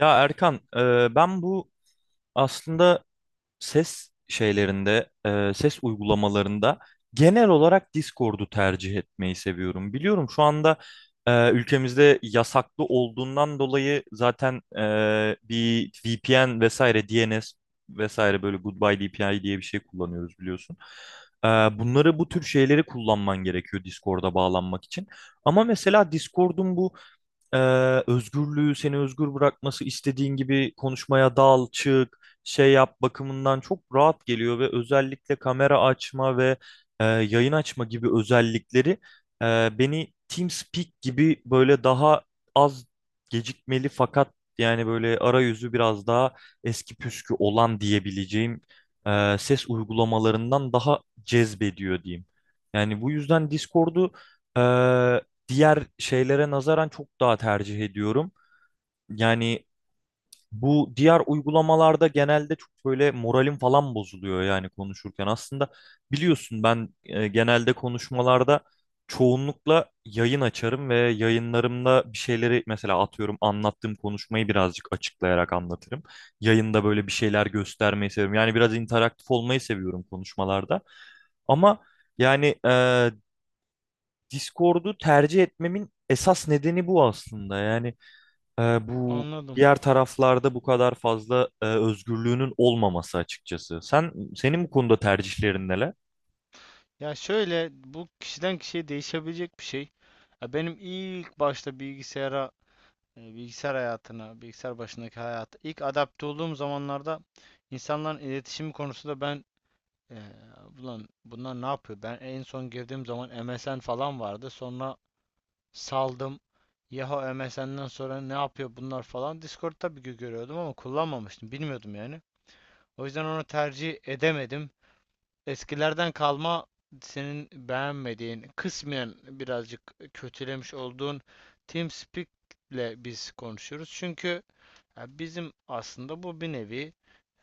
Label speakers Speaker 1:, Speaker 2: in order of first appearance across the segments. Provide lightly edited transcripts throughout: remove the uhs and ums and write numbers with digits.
Speaker 1: Ya Erkan, ben bu aslında ses şeylerinde, ses uygulamalarında genel olarak Discord'u tercih etmeyi seviyorum. Biliyorum şu anda ülkemizde yasaklı olduğundan dolayı zaten bir VPN vesaire, DNS vesaire böyle Goodbye DPI diye bir şey kullanıyoruz biliyorsun. Bunları bu tür şeyleri kullanman gerekiyor Discord'a bağlanmak için. Ama mesela Discord'un bu e, özgürlüğü seni özgür bırakması istediğin gibi konuşmaya dal, çık, şey yap bakımından çok rahat geliyor ve özellikle kamera açma ve yayın açma gibi özellikleri beni TeamSpeak gibi böyle daha az gecikmeli fakat yani böyle arayüzü biraz daha eski püskü olan diyebileceğim ses uygulamalarından daha cezbediyor diyeyim. Yani bu yüzden Discord'u e, diğer şeylere nazaran çok daha tercih ediyorum. Yani bu diğer uygulamalarda genelde çok böyle moralim falan bozuluyor yani konuşurken. Aslında biliyorsun ben genelde konuşmalarda çoğunlukla yayın açarım ve yayınlarımda bir şeyleri mesela atıyorum anlattığım konuşmayı birazcık açıklayarak anlatırım. Yayında böyle bir şeyler göstermeyi seviyorum. Yani biraz interaktif olmayı seviyorum konuşmalarda. Ama yani Discord'u tercih etmemin esas nedeni bu aslında. Yani bu
Speaker 2: Anladım.
Speaker 1: diğer taraflarda bu kadar fazla özgürlüğünün olmaması açıkçası. Sen senin bu konuda tercihlerin neler?
Speaker 2: Ya şöyle, bu kişiden kişiye değişebilecek bir şey. Ya benim ilk başta bilgisayara, bilgisayar hayatına, bilgisayar başındaki hayata ilk adapte olduğum zamanlarda insanların iletişimi konusunda e, ulan bunlar ne yapıyor? Ben en son girdiğim zaman MSN falan vardı. Sonra saldım. Yahoo MSN'den sonra ne yapıyor bunlar falan. Discord tabii ki görüyordum ama kullanmamıştım. Bilmiyordum yani. O yüzden onu tercih edemedim. Eskilerden kalma senin beğenmediğin, kısmen birazcık kötülemiş olduğun TeamSpeak'le biz konuşuyoruz. Çünkü ya bizim aslında bu bir nevi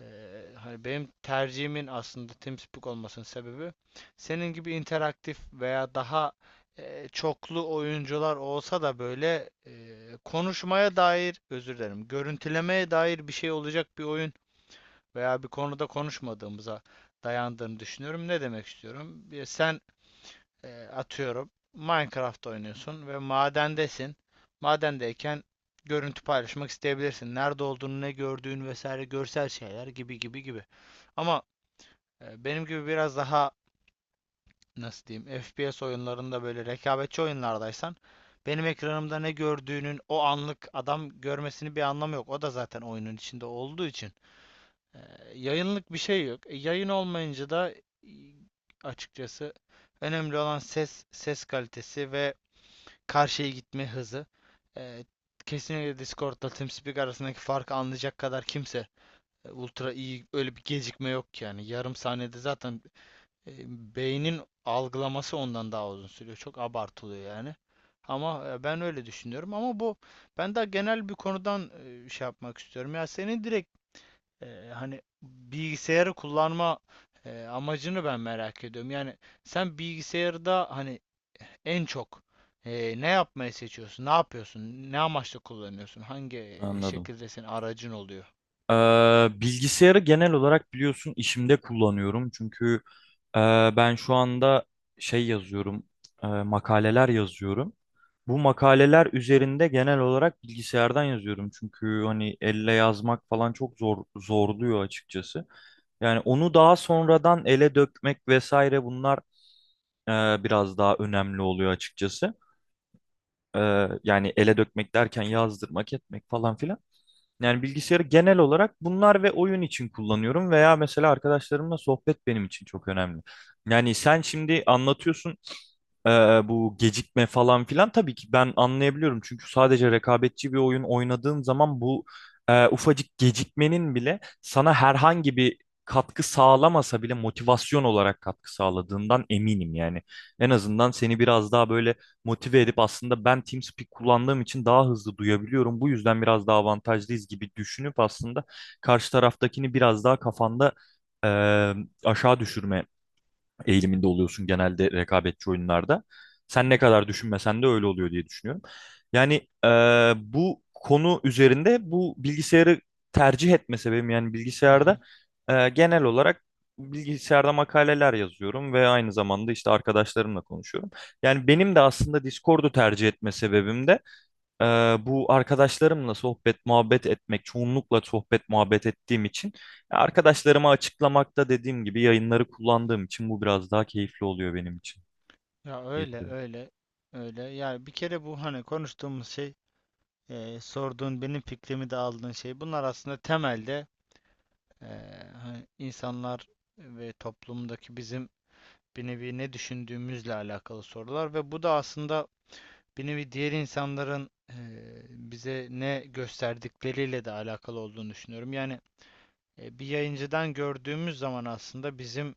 Speaker 2: hani benim tercihimin aslında TeamSpeak olmasının sebebi, senin gibi interaktif veya daha çoklu oyuncular olsa da böyle konuşmaya dair, özür dilerim, görüntülemeye dair bir şey olacak bir oyun veya bir konuda konuşmadığımıza dayandığını düşünüyorum. Ne demek istiyorum? Sen atıyorum Minecraft oynuyorsun ve madendesin. Madendeyken görüntü paylaşmak isteyebilirsin. Nerede olduğunu, ne gördüğün vesaire, görsel şeyler gibi gibi gibi. Ama benim gibi biraz daha, nasıl diyeyim, FPS oyunlarında böyle rekabetçi oyunlardaysan benim ekranımda ne gördüğünün o anlık adam görmesini bir anlamı yok. O da zaten oyunun içinde olduğu için. Ee, Yayınlık bir şey yok. Yayın olmayınca da, açıkçası, önemli olan ses kalitesi ve karşıya gitme hızı. Ee, Kesinlikle Discord'la TeamSpeak arasındaki farkı anlayacak kadar kimse ultra iyi, öyle bir gecikme yok ki yani. Yarım saniyede zaten e, beynin algılaması ondan daha uzun sürüyor. Çok abartılıyor yani. Ama ben öyle düşünüyorum. Ama bu, ben daha genel bir konudan şey yapmak istiyorum. Ya senin direkt hani bilgisayarı kullanma amacını ben merak ediyorum. Yani sen bilgisayarda hani en çok ne yapmayı seçiyorsun? Ne yapıyorsun? Ne amaçla kullanıyorsun? Hangi
Speaker 1: Anladım.
Speaker 2: şekilde senin aracın oluyor?
Speaker 1: Bilgisayarı genel olarak biliyorsun işimde kullanıyorum. Çünkü e, ben şu anda şey yazıyorum, makaleler yazıyorum. Bu makaleler üzerinde genel olarak bilgisayardan yazıyorum. Çünkü hani elle yazmak falan çok zor zorluyor açıkçası. Yani onu daha sonradan ele dökmek vesaire bunlar e, biraz daha önemli oluyor açıkçası. E, Yani ele dökmek derken yazdırmak, etmek falan filan. Yani bilgisayarı genel olarak bunlar ve oyun için kullanıyorum veya mesela arkadaşlarımla sohbet benim için çok önemli. Yani sen şimdi anlatıyorsun e, bu gecikme falan filan tabii ki ben anlayabiliyorum. Çünkü sadece rekabetçi bir oyun oynadığın zaman bu ufacık gecikmenin bile sana herhangi bir katkı sağlamasa bile motivasyon olarak katkı sağladığından eminim yani. En azından seni biraz daha böyle motive edip aslında ben TeamSpeak kullandığım için daha hızlı duyabiliyorum. Bu yüzden biraz daha avantajlıyız gibi düşünüp aslında karşı taraftakini biraz daha kafanda e, aşağı düşürme eğiliminde oluyorsun genelde rekabetçi oyunlarda. Sen ne kadar düşünmesen de öyle oluyor diye düşünüyorum. Yani e, bu konu üzerinde bu bilgisayarı tercih etme sebebim yani
Speaker 2: Hı
Speaker 1: bilgisayarda
Speaker 2: hı.
Speaker 1: genel olarak bilgisayarda makaleler yazıyorum ve aynı zamanda işte arkadaşlarımla konuşuyorum. Yani benim de aslında Discord'u tercih etme sebebim de ee, bu arkadaşlarımla sohbet muhabbet etmek çoğunlukla sohbet muhabbet ettiğim için ya arkadaşlarıma açıklamakta dediğim gibi yayınları kullandığım için bu biraz daha keyifli oluyor benim için.
Speaker 2: Ya
Speaker 1: Keyifli.
Speaker 2: öyle. Yani bir kere bu hani konuştuğumuz şey, sorduğun benim fikrimi de aldığın şey. Bunlar aslında temelde, e, hani, insanlar ve toplumdaki bizim bir nevi ne düşündüğümüzle alakalı sorular ve bu da aslında bir nevi diğer insanların bize ne gösterdikleriyle de alakalı olduğunu düşünüyorum. Yani bir yayıncıdan gördüğümüz zaman aslında bizim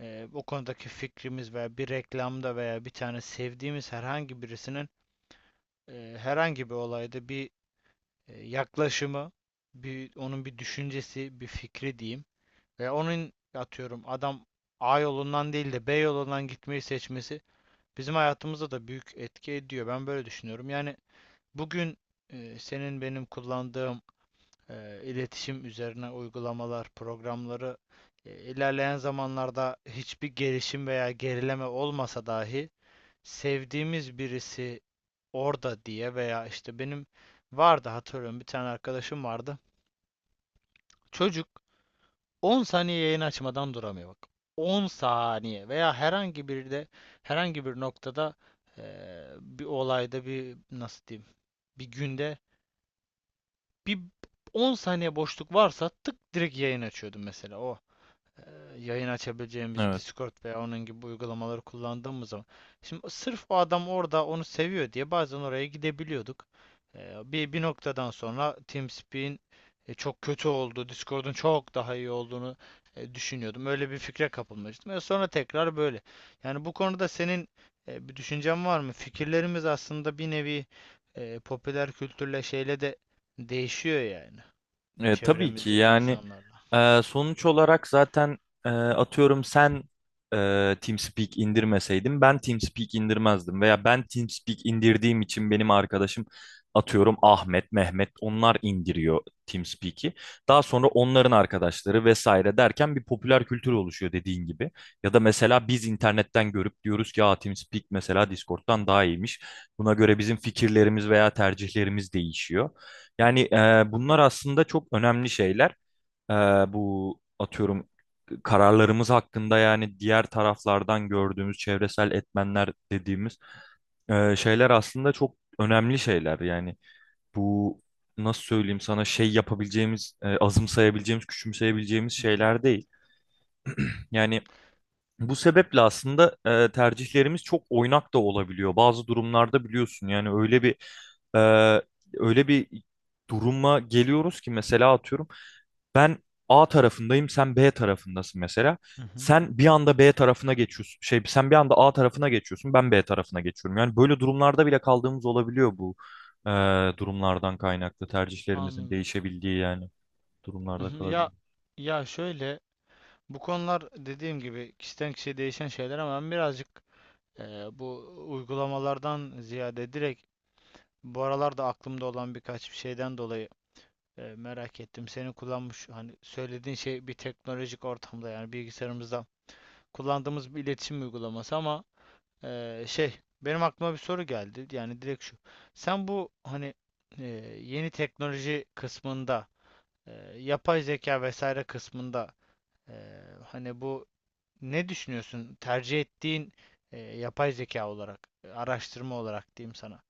Speaker 2: o konudaki fikrimiz veya bir reklamda veya bir tane sevdiğimiz herhangi birisinin herhangi bir olayda bir yaklaşımı, bir onun bir düşüncesi, bir fikri diyeyim ve onun, atıyorum, adam A yolundan değil de B yolundan gitmeyi seçmesi bizim hayatımıza da büyük etki ediyor. Ben böyle düşünüyorum. Yani bugün senin, benim kullandığım iletişim üzerine uygulamalar, programları ilerleyen zamanlarda hiçbir gelişim veya gerileme olmasa dahi, sevdiğimiz birisi orada diye veya işte benim vardı, hatırlıyorum bir tane arkadaşım vardı. Çocuk 10 saniye yayın açmadan duramıyor bak. 10 saniye veya herhangi bir de herhangi bir noktada, e, bir olayda bir, nasıl diyeyim, bir günde bir 10 saniye boşluk varsa tık direkt yayın açıyordum mesela, o e, yayın açabileceğimiz
Speaker 1: Evet.
Speaker 2: Discord veya onun gibi uygulamaları kullandığımız zaman. Şimdi sırf o adam orada onu seviyor diye bazen oraya gidebiliyorduk. Bir noktadan sonra TeamSpeak'in çok kötü olduğu, Discord'un çok daha iyi olduğunu düşünüyordum. Öyle bir fikre kapılmıştım. E, sonra tekrar böyle. Yani bu konuda senin bir düşüncen var mı? Fikirlerimiz aslında bir nevi popüler kültürle, şeyle de değişiyor yani,
Speaker 1: Tabii ki
Speaker 2: çevremizdeki
Speaker 1: yani
Speaker 2: insanlarla.
Speaker 1: sonuç olarak zaten atıyorum sen TeamSpeak indirmeseydin ben TeamSpeak indirmezdim veya ben TeamSpeak indirdiğim için benim arkadaşım atıyorum Ahmet, Mehmet onlar indiriyor TeamSpeak'i. Daha sonra onların arkadaşları vesaire derken bir popüler kültür oluşuyor dediğin gibi. Ya da mesela biz internetten görüp diyoruz ki ya TeamSpeak mesela Discord'dan daha iyiymiş. Buna göre bizim fikirlerimiz veya tercihlerimiz değişiyor. Yani bunlar aslında çok önemli şeyler. E, Bu atıyorum kararlarımız hakkında yani diğer taraflardan gördüğümüz çevresel etmenler dediğimiz şeyler aslında çok önemli şeyler. Yani bu nasıl söyleyeyim sana şey yapabileceğimiz, azımsayabileceğimiz, küçümseyebileceğimiz
Speaker 2: Hı hı,
Speaker 1: şeyler değil. Yani bu sebeple aslında tercihlerimiz çok oynak da olabiliyor. Bazı durumlarda biliyorsun yani öyle bir e, öyle bir duruma geliyoruz ki mesela atıyorum ben A tarafındayım sen B tarafındasın mesela.
Speaker 2: hı hı.
Speaker 1: Sen bir anda B tarafına geçiyorsun. Şey sen bir anda A tarafına geçiyorsun ben B tarafına geçiyorum. Yani böyle durumlarda bile kaldığımız olabiliyor bu e, durumlardan kaynaklı tercihlerimizin
Speaker 2: Anladım.
Speaker 1: değişebildiği yani
Speaker 2: Hı
Speaker 1: durumlarda
Speaker 2: hı. Ya,
Speaker 1: kalabiliyor.
Speaker 2: ya şöyle, bu konular dediğim gibi kişiden kişiye değişen şeyler ama ben birazcık, e, bu uygulamalardan ziyade direkt bu aralarda aklımda olan birkaç bir şeyden dolayı merak ettim. Senin kullanmış, hani söylediğin şey bir teknolojik ortamda yani bilgisayarımızda kullandığımız bir iletişim uygulaması ama şey, benim aklıma bir soru geldi. Yani direkt şu. Sen bu hani e, yeni teknoloji kısmında, e, yapay zeka vesaire kısmında, hani bu, ne düşünüyorsun? Tercih ettiğin yapay zeka olarak, araştırma olarak diyeyim sana.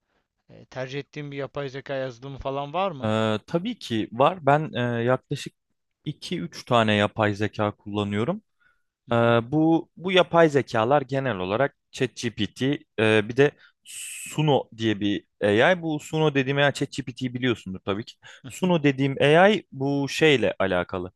Speaker 2: E, tercih ettiğin bir yapay zeka yazılımı falan var mı?
Speaker 1: Tabii ki var. Ben yaklaşık 2-3 tane yapay zeka kullanıyorum.
Speaker 2: Hı
Speaker 1: Ee,
Speaker 2: hı.
Speaker 1: Bu yapay zekalar genel olarak ChatGPT, bir de Suno diye bir AI. Bu Suno dediğim AI ChatGPT'yi biliyorsundur tabii ki.
Speaker 2: Hı hı.
Speaker 1: Suno dediğim AI bu şeyle alakalı.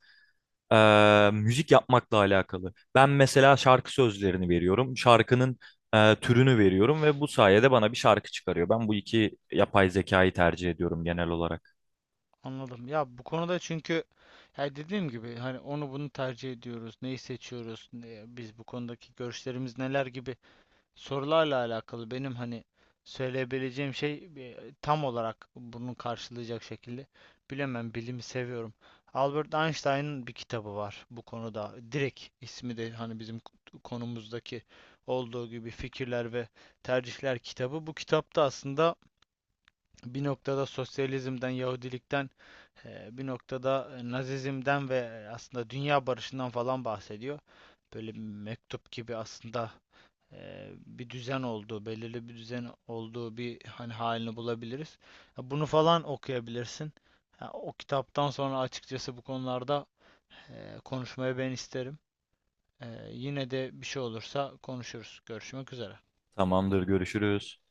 Speaker 1: Müzik yapmakla alakalı. Ben mesela şarkı sözlerini veriyorum. Şarkının türünü veriyorum ve bu sayede bana bir şarkı çıkarıyor. Ben bu iki yapay zekayı tercih ediyorum genel olarak.
Speaker 2: Anladım. Ya bu konuda, çünkü, ya dediğim gibi, hani onu bunu tercih ediyoruz, neyi seçiyoruz, biz bu konudaki görüşlerimiz neler gibi sorularla alakalı benim hani söyleyebileceğim şey, tam olarak bunu karşılayacak şekilde bilemem, bilimi seviyorum. Albert Einstein'ın bir kitabı var bu konuda. Direkt ismi de hani bizim konumuzdaki olduğu gibi Fikirler ve Tercihler kitabı. Bu kitapta aslında bir noktada sosyalizmden, Yahudilikten, bir noktada Nazizmden ve aslında dünya barışından falan bahsediyor. Böyle mektup gibi aslında bir düzen olduğu, belirli bir düzen olduğu bir hani halini bulabiliriz. Bunu falan okuyabilirsin. O kitaptan sonra açıkçası bu konularda konuşmayı ben isterim. E, Yine de bir şey olursa konuşuruz. Görüşmek üzere.
Speaker 1: Tamamdır, görüşürüz.